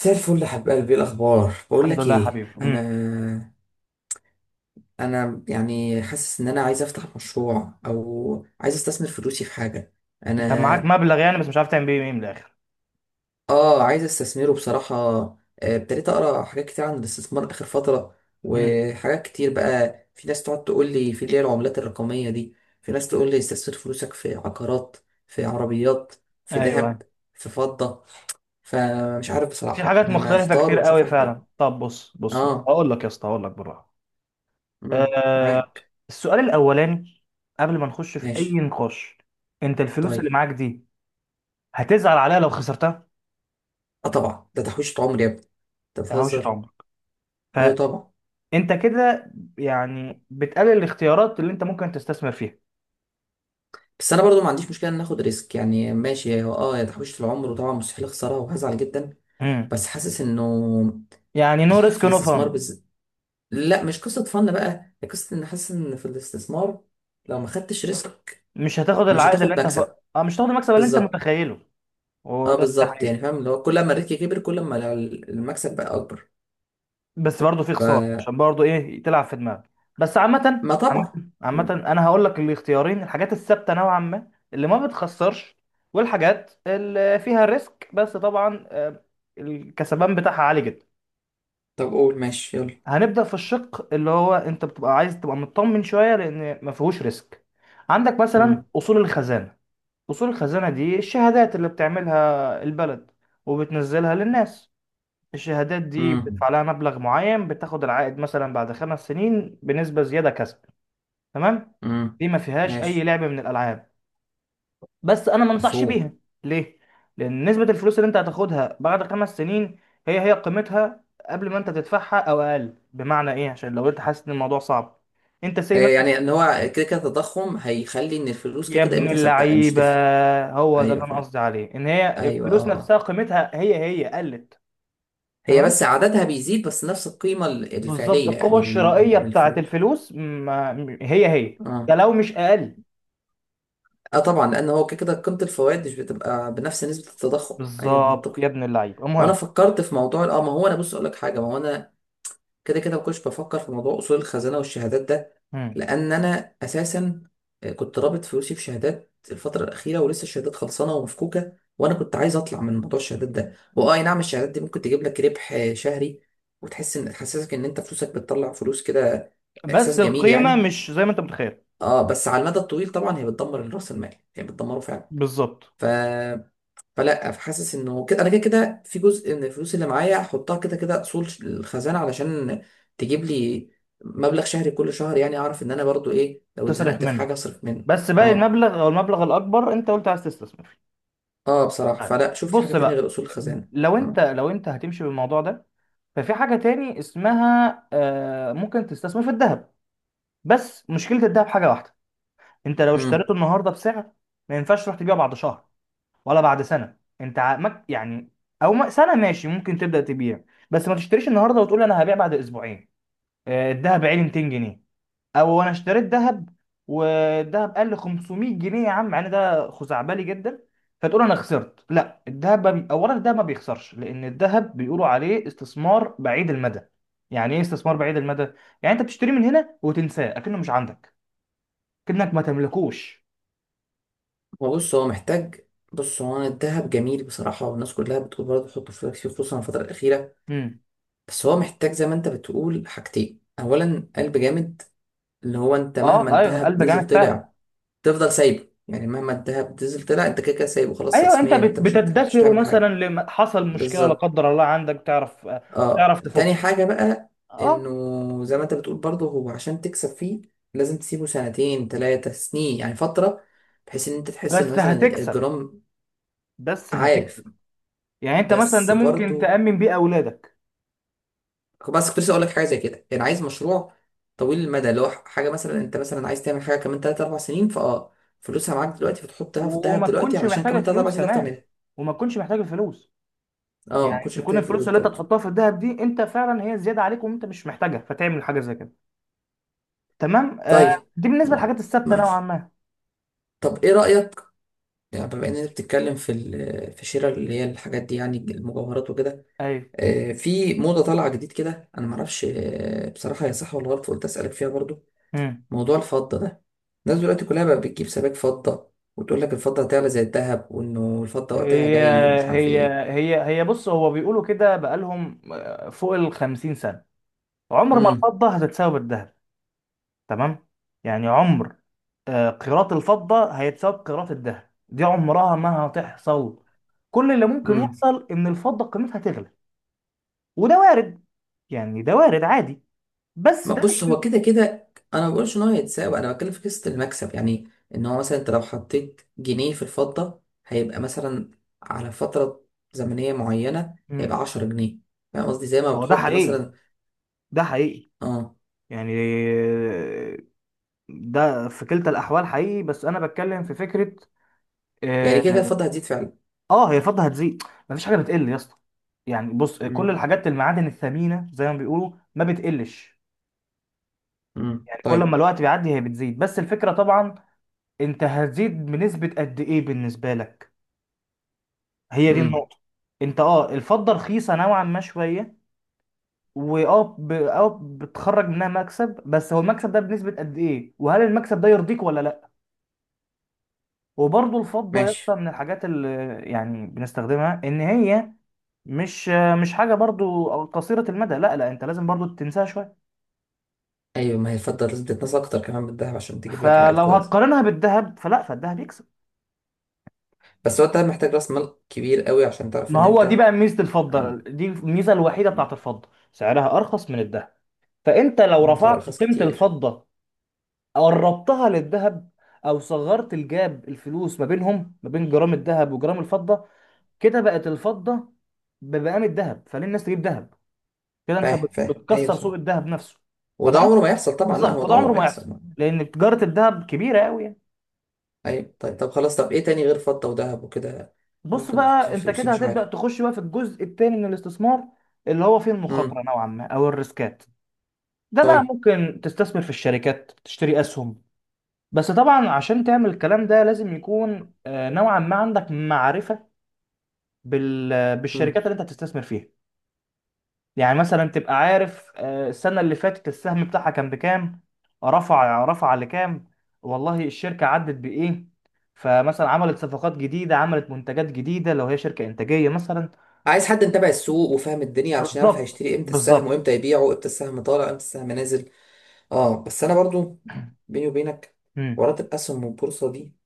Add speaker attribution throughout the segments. Speaker 1: مساء الفل يا حبيب قلبي، إيه الاخبار؟ بقول
Speaker 2: الحمد
Speaker 1: لك
Speaker 2: لله يا
Speaker 1: ايه،
Speaker 2: حبيبي.
Speaker 1: انا انا يعني حاسس ان انا عايز افتح مشروع او عايز استثمر فلوسي في حاجه.
Speaker 2: انت
Speaker 1: انا.
Speaker 2: معاك مبلغ يعني، بس مش عارف تعمل بيه ايه من الاخر.
Speaker 1: اه، عايز استثمره بصراحه. ابتديت اقرا حاجات كتير عن الاستثمار اخر فتره.
Speaker 2: امم
Speaker 1: وحاجات كتير، بقى في ناس تقعد تقول لي في اللي هي العملات الرقميه دي. في ناس تقول لي استثمر فلوسك في عقارات، في عربيات، في ذهب،
Speaker 2: ايوه،
Speaker 1: في فضه. فمش عارف
Speaker 2: في
Speaker 1: بصراحه،
Speaker 2: حاجات
Speaker 1: انا
Speaker 2: مختلفه
Speaker 1: محتار
Speaker 2: كتير
Speaker 1: ومش
Speaker 2: قوي
Speaker 1: عارف اعمل ايه.
Speaker 2: فعلا. طب بص، بص،
Speaker 1: اه.
Speaker 2: هقول لك يا اسطى، هقول لك بالراحه. آه
Speaker 1: معاك.
Speaker 2: السؤال الاولاني، قبل ما نخش في اي
Speaker 1: ماشي.
Speaker 2: نقاش، انت الفلوس
Speaker 1: طيب.
Speaker 2: اللي معاك دي هتزعل عليها لو خسرتها؟
Speaker 1: اه طبعا، ده تحويشة عمر يا ابني، انت
Speaker 2: ده هوشه
Speaker 1: بتهزر؟
Speaker 2: عمرك.
Speaker 1: ايوه طبعا.
Speaker 2: فانت كده يعني بتقلل الاختيارات اللي انت ممكن تستثمر فيها.
Speaker 1: بس انا برضو ما عنديش مشكله ان ناخد ريسك، يعني ماشي، هو اه يا تحويشة العمر، وطبعا مستحيل اخسرها وهزعل جدا.
Speaker 2: امم
Speaker 1: بس حاسس انه
Speaker 2: يعني نو ريسك
Speaker 1: في
Speaker 2: نو
Speaker 1: الاستثمار
Speaker 2: فان.
Speaker 1: لا، مش قصه فن بقى، هي قصه ان حاسس ان في الاستثمار لو ما خدتش ريسك
Speaker 2: مش هتاخد
Speaker 1: مش
Speaker 2: العائد اللي
Speaker 1: هتاخد
Speaker 2: انت ف...
Speaker 1: مكسب.
Speaker 2: اه، مش هتاخد المكسب اللي انت
Speaker 1: بالظبط.
Speaker 2: متخيله.
Speaker 1: اه
Speaker 2: وده
Speaker 1: بالظبط، يعني
Speaker 2: حقيقي.
Speaker 1: فاهم اللي هو كل ما الريسك كبر كل ما المكسب بقى اكبر.
Speaker 2: بس برضه في خساره،
Speaker 1: فما.
Speaker 2: عشان برضه ايه، تلعب في دماغك. بس عامه
Speaker 1: طبعا.
Speaker 2: عامه عامة،
Speaker 1: مم.
Speaker 2: انا هقول لك الاختيارين: الحاجات الثابته نوعا ما اللي ما بتخسرش، والحاجات اللي فيها ريسك بس طبعا الكسبان بتاعها عالي جدا.
Speaker 1: طب قول، ماشي يلا.
Speaker 2: هنبدا في الشق اللي هو انت بتبقى عايز تبقى مطمن شويه لان ما فيهوش ريسك. عندك مثلا
Speaker 1: مم.
Speaker 2: اصول الخزانه. اصول الخزانه دي الشهادات اللي بتعملها البلد وبتنزلها للناس. الشهادات دي
Speaker 1: مم.
Speaker 2: بتدفع لها مبلغ معين، بتاخد العائد مثلا بعد 5 سنين بنسبة زيادة كسب. تمام.
Speaker 1: مم.
Speaker 2: دي ما فيهاش أي
Speaker 1: ماشي.
Speaker 2: لعب من الألعاب، بس أنا ما انصحش
Speaker 1: مفهوم.
Speaker 2: بيها. ليه؟ لأن نسبة الفلوس اللي أنت هتاخدها بعد 5 سنين هي هي قيمتها قبل ما أنت تدفعها، أو أقل. بمعنى إيه؟ عشان لو أنت حاسس إن الموضوع صعب، أنت سي مثلا
Speaker 1: يعني ان هو كده كده التضخم هيخلي ان الفلوس كده
Speaker 2: يا
Speaker 1: كده
Speaker 2: ابن
Speaker 1: قيمتها ثابته، مش
Speaker 2: اللعيبة،
Speaker 1: تفرق.
Speaker 2: هو ده اللي
Speaker 1: ايوه
Speaker 2: أنا
Speaker 1: فاهم.
Speaker 2: قصدي عليه، إن هي
Speaker 1: ايوه،
Speaker 2: الفلوس
Speaker 1: اه
Speaker 2: نفسها
Speaker 1: اه.
Speaker 2: قيمتها هي هي قلت.
Speaker 1: هي
Speaker 2: تمام.
Speaker 1: بس عددها بيزيد، بس نفس القيمه
Speaker 2: بالظبط،
Speaker 1: الفعليه
Speaker 2: القوة
Speaker 1: يعني
Speaker 2: الشرائية
Speaker 1: من
Speaker 2: بتاعت
Speaker 1: الفلوس.
Speaker 2: الفلوس ما هي هي، ده
Speaker 1: اه.
Speaker 2: لو مش أقل.
Speaker 1: اه طبعا، لان هو كده كده قيمه الفوائد مش بتبقى بنفس نسبه التضخم. ايوه
Speaker 2: بالظبط
Speaker 1: منطقي.
Speaker 2: يا ابن اللعيب.
Speaker 1: هو انا
Speaker 2: المهم،
Speaker 1: فكرت في موضوع ما هو انا، بص اقول لك حاجه، ما هو انا كده كده ما كنتش بفكر في موضوع اصول الخزانه والشهادات ده.
Speaker 2: مم.
Speaker 1: لان انا اساسا، كنت رابط فلوسي في شهادات الفتره الاخيره ولسه الشهادات خلصانه ومفكوكه، وانا كنت عايز اطلع من موضوع الشهادات ده. واه، أي نعم، الشهادات دي ممكن تجيب لك ربح شهري، وتحس ان تحسسك ان انت فلوسك بتطلع فلوس كده، احساس
Speaker 2: بس
Speaker 1: جميل
Speaker 2: القيمة
Speaker 1: يعني.
Speaker 2: مش زي ما أنت متخيل.
Speaker 1: اه بس على المدى الطويل طبعا هي بتدمر راس المال، هي بتدمره فعلا.
Speaker 2: بالظبط،
Speaker 1: ف، فلا، فحاسس انه كده انا كده كده، في جزء من الفلوس اللي معايا احطها كده كده اصول الخزانه علشان تجيب لي مبلغ شهري كل شهر، يعني اعرف ان انا برضو ايه، لو
Speaker 2: تصرف
Speaker 1: اتزنقت في
Speaker 2: منه.
Speaker 1: حاجه اصرف منه.
Speaker 2: بس باقي
Speaker 1: اه.
Speaker 2: المبلغ أو المبلغ الأكبر أنت قلت عايز تستثمر فيه.
Speaker 1: اه بصراحه،
Speaker 2: طيب،
Speaker 1: فلا شوف لي حاجه
Speaker 2: بص
Speaker 1: تانية غير
Speaker 2: بقى،
Speaker 1: اصول الخزانه.
Speaker 2: لو أنت
Speaker 1: اه.
Speaker 2: لو أنت هتمشي بالموضوع ده، ففي حاجة تاني اسمها ممكن تستثمر في الذهب. بس مشكلة الذهب حاجة واحدة: أنت لو
Speaker 1: امم
Speaker 2: اشتريته النهاردة بسعر، ما ينفعش تروح تبيعه بعد شهر ولا بعد سنه. انت ع- مك- يعني، او م- سنه ماشي ممكن تبدا تبيع، بس ما تشتريش النهارده وتقول انا هبيع بعد اسبوعين. الذهب عالي 200 جنيه، او انا اشتريت ذهب والذهب قل 500 جنيه يا عم، مع ان ده خزعبلي جدا، فتقول انا خسرت. لا، الذهب ما بي... اولا الذهب ما بيخسرش، لان الذهب بيقولوا عليه استثمار بعيد المدى. يعني ايه استثمار بعيد المدى؟ يعني انت بتشتريه من هنا وتنساه، اكنه مش عندك، كأنك ما تملكوش.
Speaker 1: هو بص هو محتاج، بص هو، أنا الدهب جميل بصراحه والناس كلها بتقول برضه حط فلوسك فيه خصوصا الفتره الاخيره.
Speaker 2: امم.
Speaker 1: بس هو محتاج زي ما انت بتقول حاجتين، اولا قلب جامد، اللي هو انت
Speaker 2: اه
Speaker 1: مهما
Speaker 2: ايوه،
Speaker 1: الدهب
Speaker 2: قلب
Speaker 1: نزل
Speaker 2: جامد فعلا.
Speaker 1: طلع تفضل سايبه، يعني مهما الدهب نزل طلع انت كده كده سايبه خلاص،
Speaker 2: ايوه انت
Speaker 1: رسميا
Speaker 2: بت-
Speaker 1: انت مش
Speaker 2: بتدخره،
Speaker 1: هتعمل
Speaker 2: مثلا
Speaker 1: حاجه.
Speaker 2: لما حصل مشكله لا
Speaker 1: بالظبط.
Speaker 2: قدر الله عندك، تعرف
Speaker 1: اه
Speaker 2: تعرف
Speaker 1: تاني
Speaker 2: تفكه.
Speaker 1: حاجه بقى،
Speaker 2: اه،
Speaker 1: انه زي ما انت بتقول برضه، هو عشان تكسب فيه لازم تسيبه سنتين ثلاثه سنين، يعني فتره، بحيث ان انت تحس ان
Speaker 2: بس
Speaker 1: مثلا
Speaker 2: هتكسب،
Speaker 1: الجرام.
Speaker 2: بس هتكسب.
Speaker 1: عارف.
Speaker 2: يعني انت مثلا
Speaker 1: بس
Speaker 2: ده ممكن
Speaker 1: برضه،
Speaker 2: تأمن بيه اولادك.
Speaker 1: بس كنت لسه اقول لك حاجه زي كده، يعني عايز مشروع طويل المدى، اللي هو حاجه مثلا انت مثلا عايز تعمل حاجه كمان 3 4 سنين، فلوسها معاك دلوقتي فتحطها في الدهب
Speaker 2: وما
Speaker 1: دلوقتي
Speaker 2: تكونش
Speaker 1: علشان
Speaker 2: محتاج
Speaker 1: كمان 3 4
Speaker 2: الفلوس
Speaker 1: سنين تعرف
Speaker 2: كمان،
Speaker 1: تعملها.
Speaker 2: وما تكونش محتاج الفلوس.
Speaker 1: اه، ما
Speaker 2: يعني
Speaker 1: كنتش
Speaker 2: تكون
Speaker 1: محتاج فلوس
Speaker 2: الفلوس اللي انت
Speaker 1: برضه.
Speaker 2: تحطها في الذهب دي انت فعلا هي زياده عليك، وانت مش محتاجها، فتعمل حاجه زي كده. تمام آه.
Speaker 1: طيب.
Speaker 2: دي بالنسبه
Speaker 1: م-
Speaker 2: للحاجات الثابته نوعا
Speaker 1: ماشي.
Speaker 2: ما.
Speaker 1: طب ايه رأيك، يعني بما
Speaker 2: مم.
Speaker 1: اننا بتتكلم في في شراء اللي هي الحاجات دي، يعني المجوهرات وكده.
Speaker 2: ايوه.
Speaker 1: في موضة طالعة جديد كده، انا معرفش بصراحة هي صح ولا غلط، فقلت اسألك فيها برضو.
Speaker 2: مم.
Speaker 1: موضوع الفضة ده، الناس دلوقتي كلها بقى بتجيب سبائك فضة وتقول لك الفضة هتعلى زي الذهب، وانه الفضة وقتها
Speaker 2: هي
Speaker 1: جاي ومش عارف
Speaker 2: هي
Speaker 1: ايه.
Speaker 2: هي بص، هو بيقولوا كده بقالهم فوق ال 50 سنه عمر ما
Speaker 1: امم.
Speaker 2: الفضة هتتساوي بالذهب. تمام. يعني عمر قيراط الفضة هيتساوي بقيراط الذهب، دي عمرها ما هتحصل. كل اللي ممكن
Speaker 1: امم.
Speaker 2: يحصل ان الفضة قيمتها تغلى، وده وارد، يعني ده وارد عادي. بس
Speaker 1: ما
Speaker 2: ده
Speaker 1: بص،
Speaker 2: مش
Speaker 1: هو كده كده انا ما بقولش ان هو هيتساوي، انا بتكلم في قصه المكسب. يعني ان هو مثلا انت لو حطيت جنيه في الفضه هيبقى مثلا، على فتره زمنيه معينه هيبقى
Speaker 2: مم.
Speaker 1: 10 جنيه، فاهم قصدي؟ زي ما
Speaker 2: هو ده
Speaker 1: بتحط
Speaker 2: حقيقي،
Speaker 1: مثلا.
Speaker 2: ده حقيقي.
Speaker 1: اه.
Speaker 2: يعني ده في كلتا الاحوال حقيقي، بس انا بتكلم في فكرة.
Speaker 1: يعني
Speaker 2: اه.
Speaker 1: كده كده الفضه هتزيد فعلا.
Speaker 2: هي الفضة هتزيد، مفيش حاجة بتقل يا اسطى. يعني بص، كل
Speaker 1: امم.
Speaker 2: الحاجات المعادن الثمينة زي ما بيقولوا ما بتقلش. يعني كل ما
Speaker 1: طيب.
Speaker 2: الوقت بيعدي هي بتزيد، بس الفكرة طبعا انت هتزيد بنسبة قد ايه بالنسبة لك، هي دي
Speaker 1: امم.
Speaker 2: النقطة. انت اه الفضة رخيصة نوعا ما شوية، واه ب... اه بتخرج منها مكسب، بس هو المكسب ده بنسبة قد ايه، وهل المكسب ده يرضيك ولا لا؟ وبرضه الفضة يا اسطى
Speaker 1: ماشي.
Speaker 2: من الحاجات اللي يعني بنستخدمها، ان هي مش مش حاجة برضو قصيرة المدى. لا لا، انت لازم برضو تنساها شوية.
Speaker 1: ايوه، ما هي الفضه لازم تتنسى اكتر كمان من الذهب عشان تجيب لك عائد
Speaker 2: فلو
Speaker 1: كويس.
Speaker 2: هتقارنها بالذهب، فلا، فالذهب يكسب.
Speaker 1: بس هو انت محتاج راس مال كبير قوي عشان تعرف
Speaker 2: ما
Speaker 1: ان
Speaker 2: هو دي
Speaker 1: انت.
Speaker 2: بقى ميزه الفضه،
Speaker 1: اه.
Speaker 2: دي الميزه الوحيده
Speaker 1: مم.
Speaker 2: بتاعت الفضه، سعرها ارخص من الذهب. فانت لو
Speaker 1: مم، تعرف
Speaker 2: رفعت
Speaker 1: ارخص
Speaker 2: قيمه
Speaker 1: كتير.
Speaker 2: الفضه، قربتها للذهب، او صغرت الجاب الفلوس ما بينهم ما بين جرام الذهب وجرام الفضه، كده بقت الفضه بمقام الذهب، فليه الناس تجيب ذهب؟ كده انت
Speaker 1: فاهم
Speaker 2: بت-
Speaker 1: فاهم، ايوه
Speaker 2: بتكسر
Speaker 1: صح.
Speaker 2: سوق الذهب نفسه. فده
Speaker 1: وده
Speaker 2: عمر،
Speaker 1: عمره ما يحصل طبعا، لا
Speaker 2: بالظبط،
Speaker 1: هو ده
Speaker 2: فده
Speaker 1: عمره
Speaker 2: عمره
Speaker 1: ما
Speaker 2: ما
Speaker 1: يحصل.
Speaker 2: يحصل، لان تجاره الذهب كبيره قوي يعني.
Speaker 1: اي طيب، طب خلاص، طب ايه تاني غير فضة وذهب وكده؟
Speaker 2: بص
Speaker 1: ممكن احط
Speaker 2: بقى،
Speaker 1: فيه
Speaker 2: انت
Speaker 1: فلوسي
Speaker 2: كده
Speaker 1: مش
Speaker 2: هتبدا
Speaker 1: عارف.
Speaker 2: تخش بقى في الجزء الثاني من الاستثمار، اللي هو فيه
Speaker 1: امم.
Speaker 2: المخاطره نوعا ما او الريسكات. ده بقى
Speaker 1: طيب.
Speaker 2: ممكن تستثمر في الشركات، تشتري أسهم. بس طبعا عشان تعمل الكلام ده لازم يكون نوعا ما عندك معرفة بال-
Speaker 1: امم.
Speaker 2: بالشركات اللي انت هتستثمر فيها. يعني مثلا تبقى عارف السنة اللي فاتت السهم بتاعها كان بكام، رفع لكام، والله الشركة عدت بإيه، فمثلا عملت صفقات جديدة، عملت منتجات جديدة لو هي شركة إنتاجية مثلا.
Speaker 1: عايز حد متابع السوق وفاهم الدنيا علشان يعرف
Speaker 2: بالظبط
Speaker 1: هيشتري امتى السهم
Speaker 2: بالظبط.
Speaker 1: وامتى يبيعه، امتى السهم طالع امتى السهم نازل. اه بس انا برضو، بيني وبينك،
Speaker 2: مم.
Speaker 1: حوارات الاسهم والبورصة دي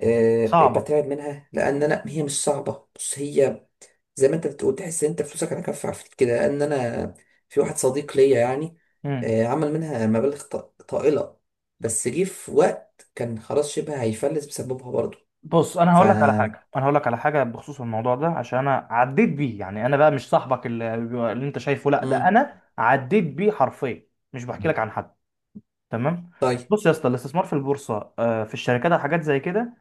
Speaker 1: بقيت
Speaker 2: صعبة.
Speaker 1: بترعب منها، لان انا هي مش صعبه، بص هي زي ما انت بتقول، تحس ان انت فلوسك على كف عفيف كده. لان انا، في واحد صديق ليا يعني عمل منها مبالغ طائله، بس جه في وقت كان خلاص شبه هيفلس بسببها برضه.
Speaker 2: بص انا
Speaker 1: ف.
Speaker 2: هقول لك على حاجه، انا هقول لك على حاجه بخصوص الموضوع ده عشان انا عديت بيه يعني. انا بقى مش صاحبك اللي, اللي انت شايفه، لا ده
Speaker 1: مم.
Speaker 2: انا عديت بيه حرفيا، مش بحكي لك عن حد. تمام.
Speaker 1: طيب.
Speaker 2: بص يا اسطى، الاستثمار في البورصه في الشركات او حاجات زي كده،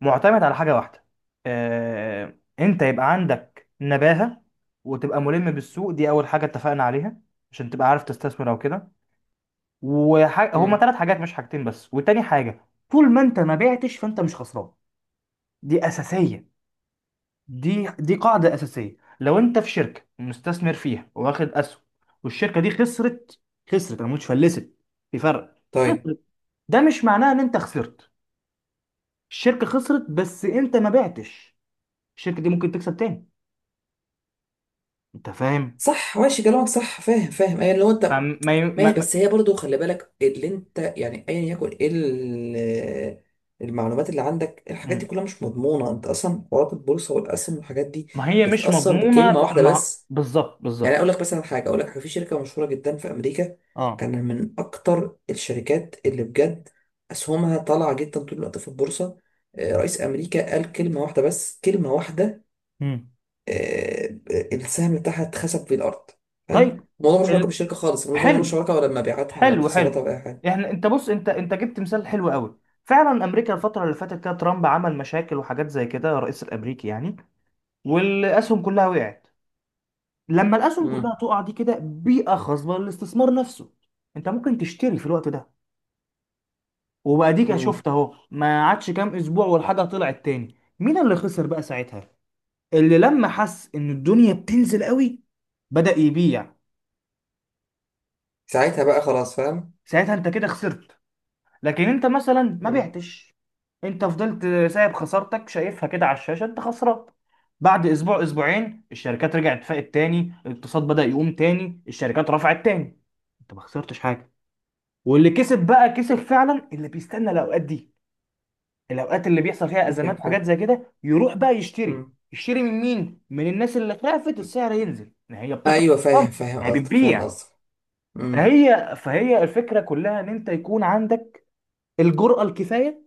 Speaker 2: معتمد على حاجه واحده: انت يبقى عندك نباهه وتبقى ملم بالسوق، دي اول حاجه اتفقنا عليها عشان تبقى عارف تستثمر او كده. وهما
Speaker 1: مم.
Speaker 2: 3 حاجات مش حاجتين بس. وتاني حاجه، طول ما انت ما بعتش فانت مش خسران. دي اساسيه، دي قاعدة أساسية. لو أنت في شركة مستثمر فيها، واخد أسهم، والشركة دي خسرت، خسرت أنا مش فلست، في فرق.
Speaker 1: طيب.
Speaker 2: خسرت، ده مش معناه إن أنت خسرت. الشركة خسرت بس أنت ما بعتش، الشركة دي ممكن تكسب تاني. أنت فاهم؟
Speaker 1: صح ماشي كلامك، صح فاهم فاهم، ايه لو انت؟
Speaker 2: أم- ما ي-
Speaker 1: ماشي،
Speaker 2: ما
Speaker 1: بس هي برضو خلي بالك اللي انت، يعني ايا يكن ايه المعلومات اللي عندك، الحاجات
Speaker 2: مم.
Speaker 1: دي كلها مش مضمونه، انت اصلا حوارات البورصه والاسهم والحاجات دي
Speaker 2: ما هي مش
Speaker 1: بتتاثر
Speaker 2: مضمونة
Speaker 1: بكلمه
Speaker 2: ب-
Speaker 1: واحده
Speaker 2: ما،
Speaker 1: بس.
Speaker 2: بالظبط
Speaker 1: يعني
Speaker 2: بالظبط.
Speaker 1: اقول لك مثلا حاجه، اقول لك حاجه، في شركه مشهوره جدا في امريكا،
Speaker 2: أه.
Speaker 1: كان من اكتر الشركات اللي بجد اسهمها طالعه جدا طول الوقت في البورصه. رئيس امريكا قال كلمه واحده بس، كلمه واحده.
Speaker 2: مم.
Speaker 1: آه، السهم بتاعها اتخسف في الارض، فاهم؟
Speaker 2: طيب.
Speaker 1: الموضوع ملوش علاقه
Speaker 2: ال...
Speaker 1: بالشركه خالص، الموضوع ملوش
Speaker 2: حلو،
Speaker 1: علاقه ولا بمبيعاتها ولا
Speaker 2: حلو
Speaker 1: بخسارتها
Speaker 2: حلو
Speaker 1: ولا اي حاجه.
Speaker 2: احنا انت بص، انت جبت مثال حلو قوي فعلا. امريكا الفتره اللي فاتت كده ترامب عمل مشاكل وحاجات زي كده، الرئيس الامريكي يعني، والاسهم كلها وقعت. لما الاسهم
Speaker 1: مم.
Speaker 2: كلها تقع دي كده بيئه خصبه للاستثمار نفسه. انت ممكن تشتري في الوقت ده، وباديك، أنا
Speaker 1: مم.
Speaker 2: شفت اهو، ما عادش كام اسبوع والحاجه طلعت تاني. مين اللي خسر بقى ساعتها؟ اللي لما حس ان الدنيا بتنزل قوي بدأ يبيع.
Speaker 1: ساعتها بقى خلاص فاهم.
Speaker 2: ساعتها انت كده خسرت. لكن انت مثلا ما
Speaker 1: مم.
Speaker 2: بعتش، انت فضلت سايب خسارتك، شايفها كده على الشاشه انت خسران. بعد اسبوع اسبوعين الشركات رجعت فاقت تاني، الاقتصاد بدأ يقوم تاني، الشركات رفعت تاني. انت ما خسرتش حاجه. واللي كسب بقى كسب فعلا، اللي بيستنى الاوقات دي، الاوقات اللي بيحصل فيها
Speaker 1: ايوه
Speaker 2: ازمات وحاجات
Speaker 1: فاهم.
Speaker 2: زي كده، يروح بقى يشتري.
Speaker 1: مم.
Speaker 2: يشتري من مين؟ من الناس اللي خافت السعر ينزل ان هي بتطرح
Speaker 1: ايوه فاهم،
Speaker 2: الأرقام،
Speaker 1: فاهم
Speaker 2: هي
Speaker 1: قصدك، فاهم
Speaker 2: بتبيع.
Speaker 1: قصدك. مم.
Speaker 2: فهي الفكره كلها ان انت يكون عندك الجرأة الكفايه،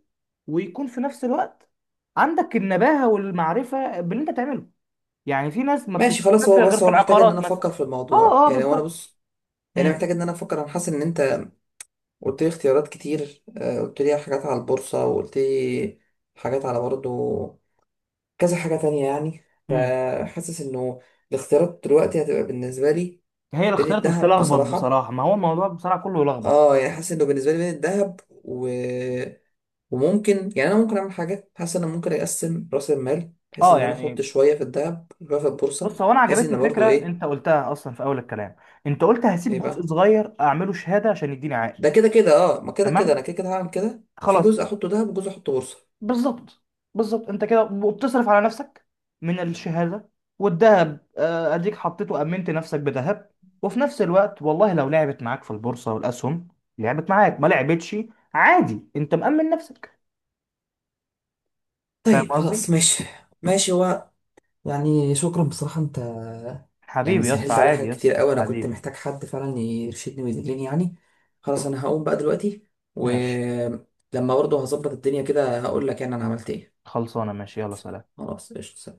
Speaker 2: ويكون في نفس الوقت عندك النباهة والمعرفة باللي انت تعمله. يعني في ناس ما
Speaker 1: ماشي خلاص،
Speaker 2: بتستثمرش
Speaker 1: هو
Speaker 2: غير
Speaker 1: بس
Speaker 2: في
Speaker 1: هو محتاج ان
Speaker 2: العقارات
Speaker 1: انا
Speaker 2: مثلا.
Speaker 1: افكر في
Speaker 2: اه
Speaker 1: الموضوع،
Speaker 2: اه
Speaker 1: يعني هو انا
Speaker 2: بالظبط.
Speaker 1: بص، يعني أنا
Speaker 2: امم.
Speaker 1: محتاج ان انا افكر، انا حاسس ان انت قلت لي اختيارات كتير، قلت لي حاجات على البورصه، وقلت لي حاجات على برضه كذا حاجة تانية، يعني
Speaker 2: امم
Speaker 1: فحاسس انه الاختيارات دلوقتي هتبقى بالنسبة لي
Speaker 2: هي
Speaker 1: بين
Speaker 2: الاختيارات
Speaker 1: الذهب
Speaker 2: بتلخبط
Speaker 1: بصراحة.
Speaker 2: بصراحة، ما هو الموضوع بصراحة كله يلخبط.
Speaker 1: اه، يعني حاسس انه بالنسبة لي بين الذهب وممكن، يعني انا ممكن اعمل حاجة، حاسس ان انا ممكن اقسم رأس المال بحيث
Speaker 2: اه
Speaker 1: ان انا احط
Speaker 2: يعني
Speaker 1: شوية في الذهب وشوية في البورصة،
Speaker 2: بص، هو انا
Speaker 1: بحيث
Speaker 2: عجبتني
Speaker 1: ان برضو
Speaker 2: فكرة
Speaker 1: ايه.
Speaker 2: انت قلتها اصلا في اول الكلام، انت قلت هسيب
Speaker 1: ايه
Speaker 2: جزء
Speaker 1: بقى؟
Speaker 2: صغير اعمله شهادة عشان يديني عائد.
Speaker 1: ده كده كده اه، ما كده كده انا
Speaker 2: تمام،
Speaker 1: كده كده هعمل كده، في
Speaker 2: خلاص،
Speaker 1: جزء احطه ذهب وجزء احطه بورصة.
Speaker 2: بالظبط بالظبط. انت كده وبتصرف على نفسك من الشهاده، والذهب اديك حطيته، امنت نفسك بذهب، وفي نفس الوقت والله لو لعبت معاك في البورصه والاسهم، لعبت معاك ما لعبتش، عادي، انت مأمن نفسك. فاهم
Speaker 1: طيب
Speaker 2: قصدي؟
Speaker 1: خلاص ماشي. ماشي. يعني شكرا بصراحة انت، يعني
Speaker 2: حبيبي يا اسطى،
Speaker 1: سهلت عليا
Speaker 2: عادي
Speaker 1: حاجات
Speaker 2: يا اسطى
Speaker 1: كتير قوي، انا كنت
Speaker 2: حبيبي.
Speaker 1: محتاج حد فعلا يرشدني ويدلني يعني. خلاص، انا هقوم بقى دلوقتي،
Speaker 2: ماشي،
Speaker 1: ولما برضه هظبط الدنيا كده هقول لك يعني انا عملت ايه.
Speaker 2: خلصانه، ماشي، يلا سلام.
Speaker 1: خلاص قشطة.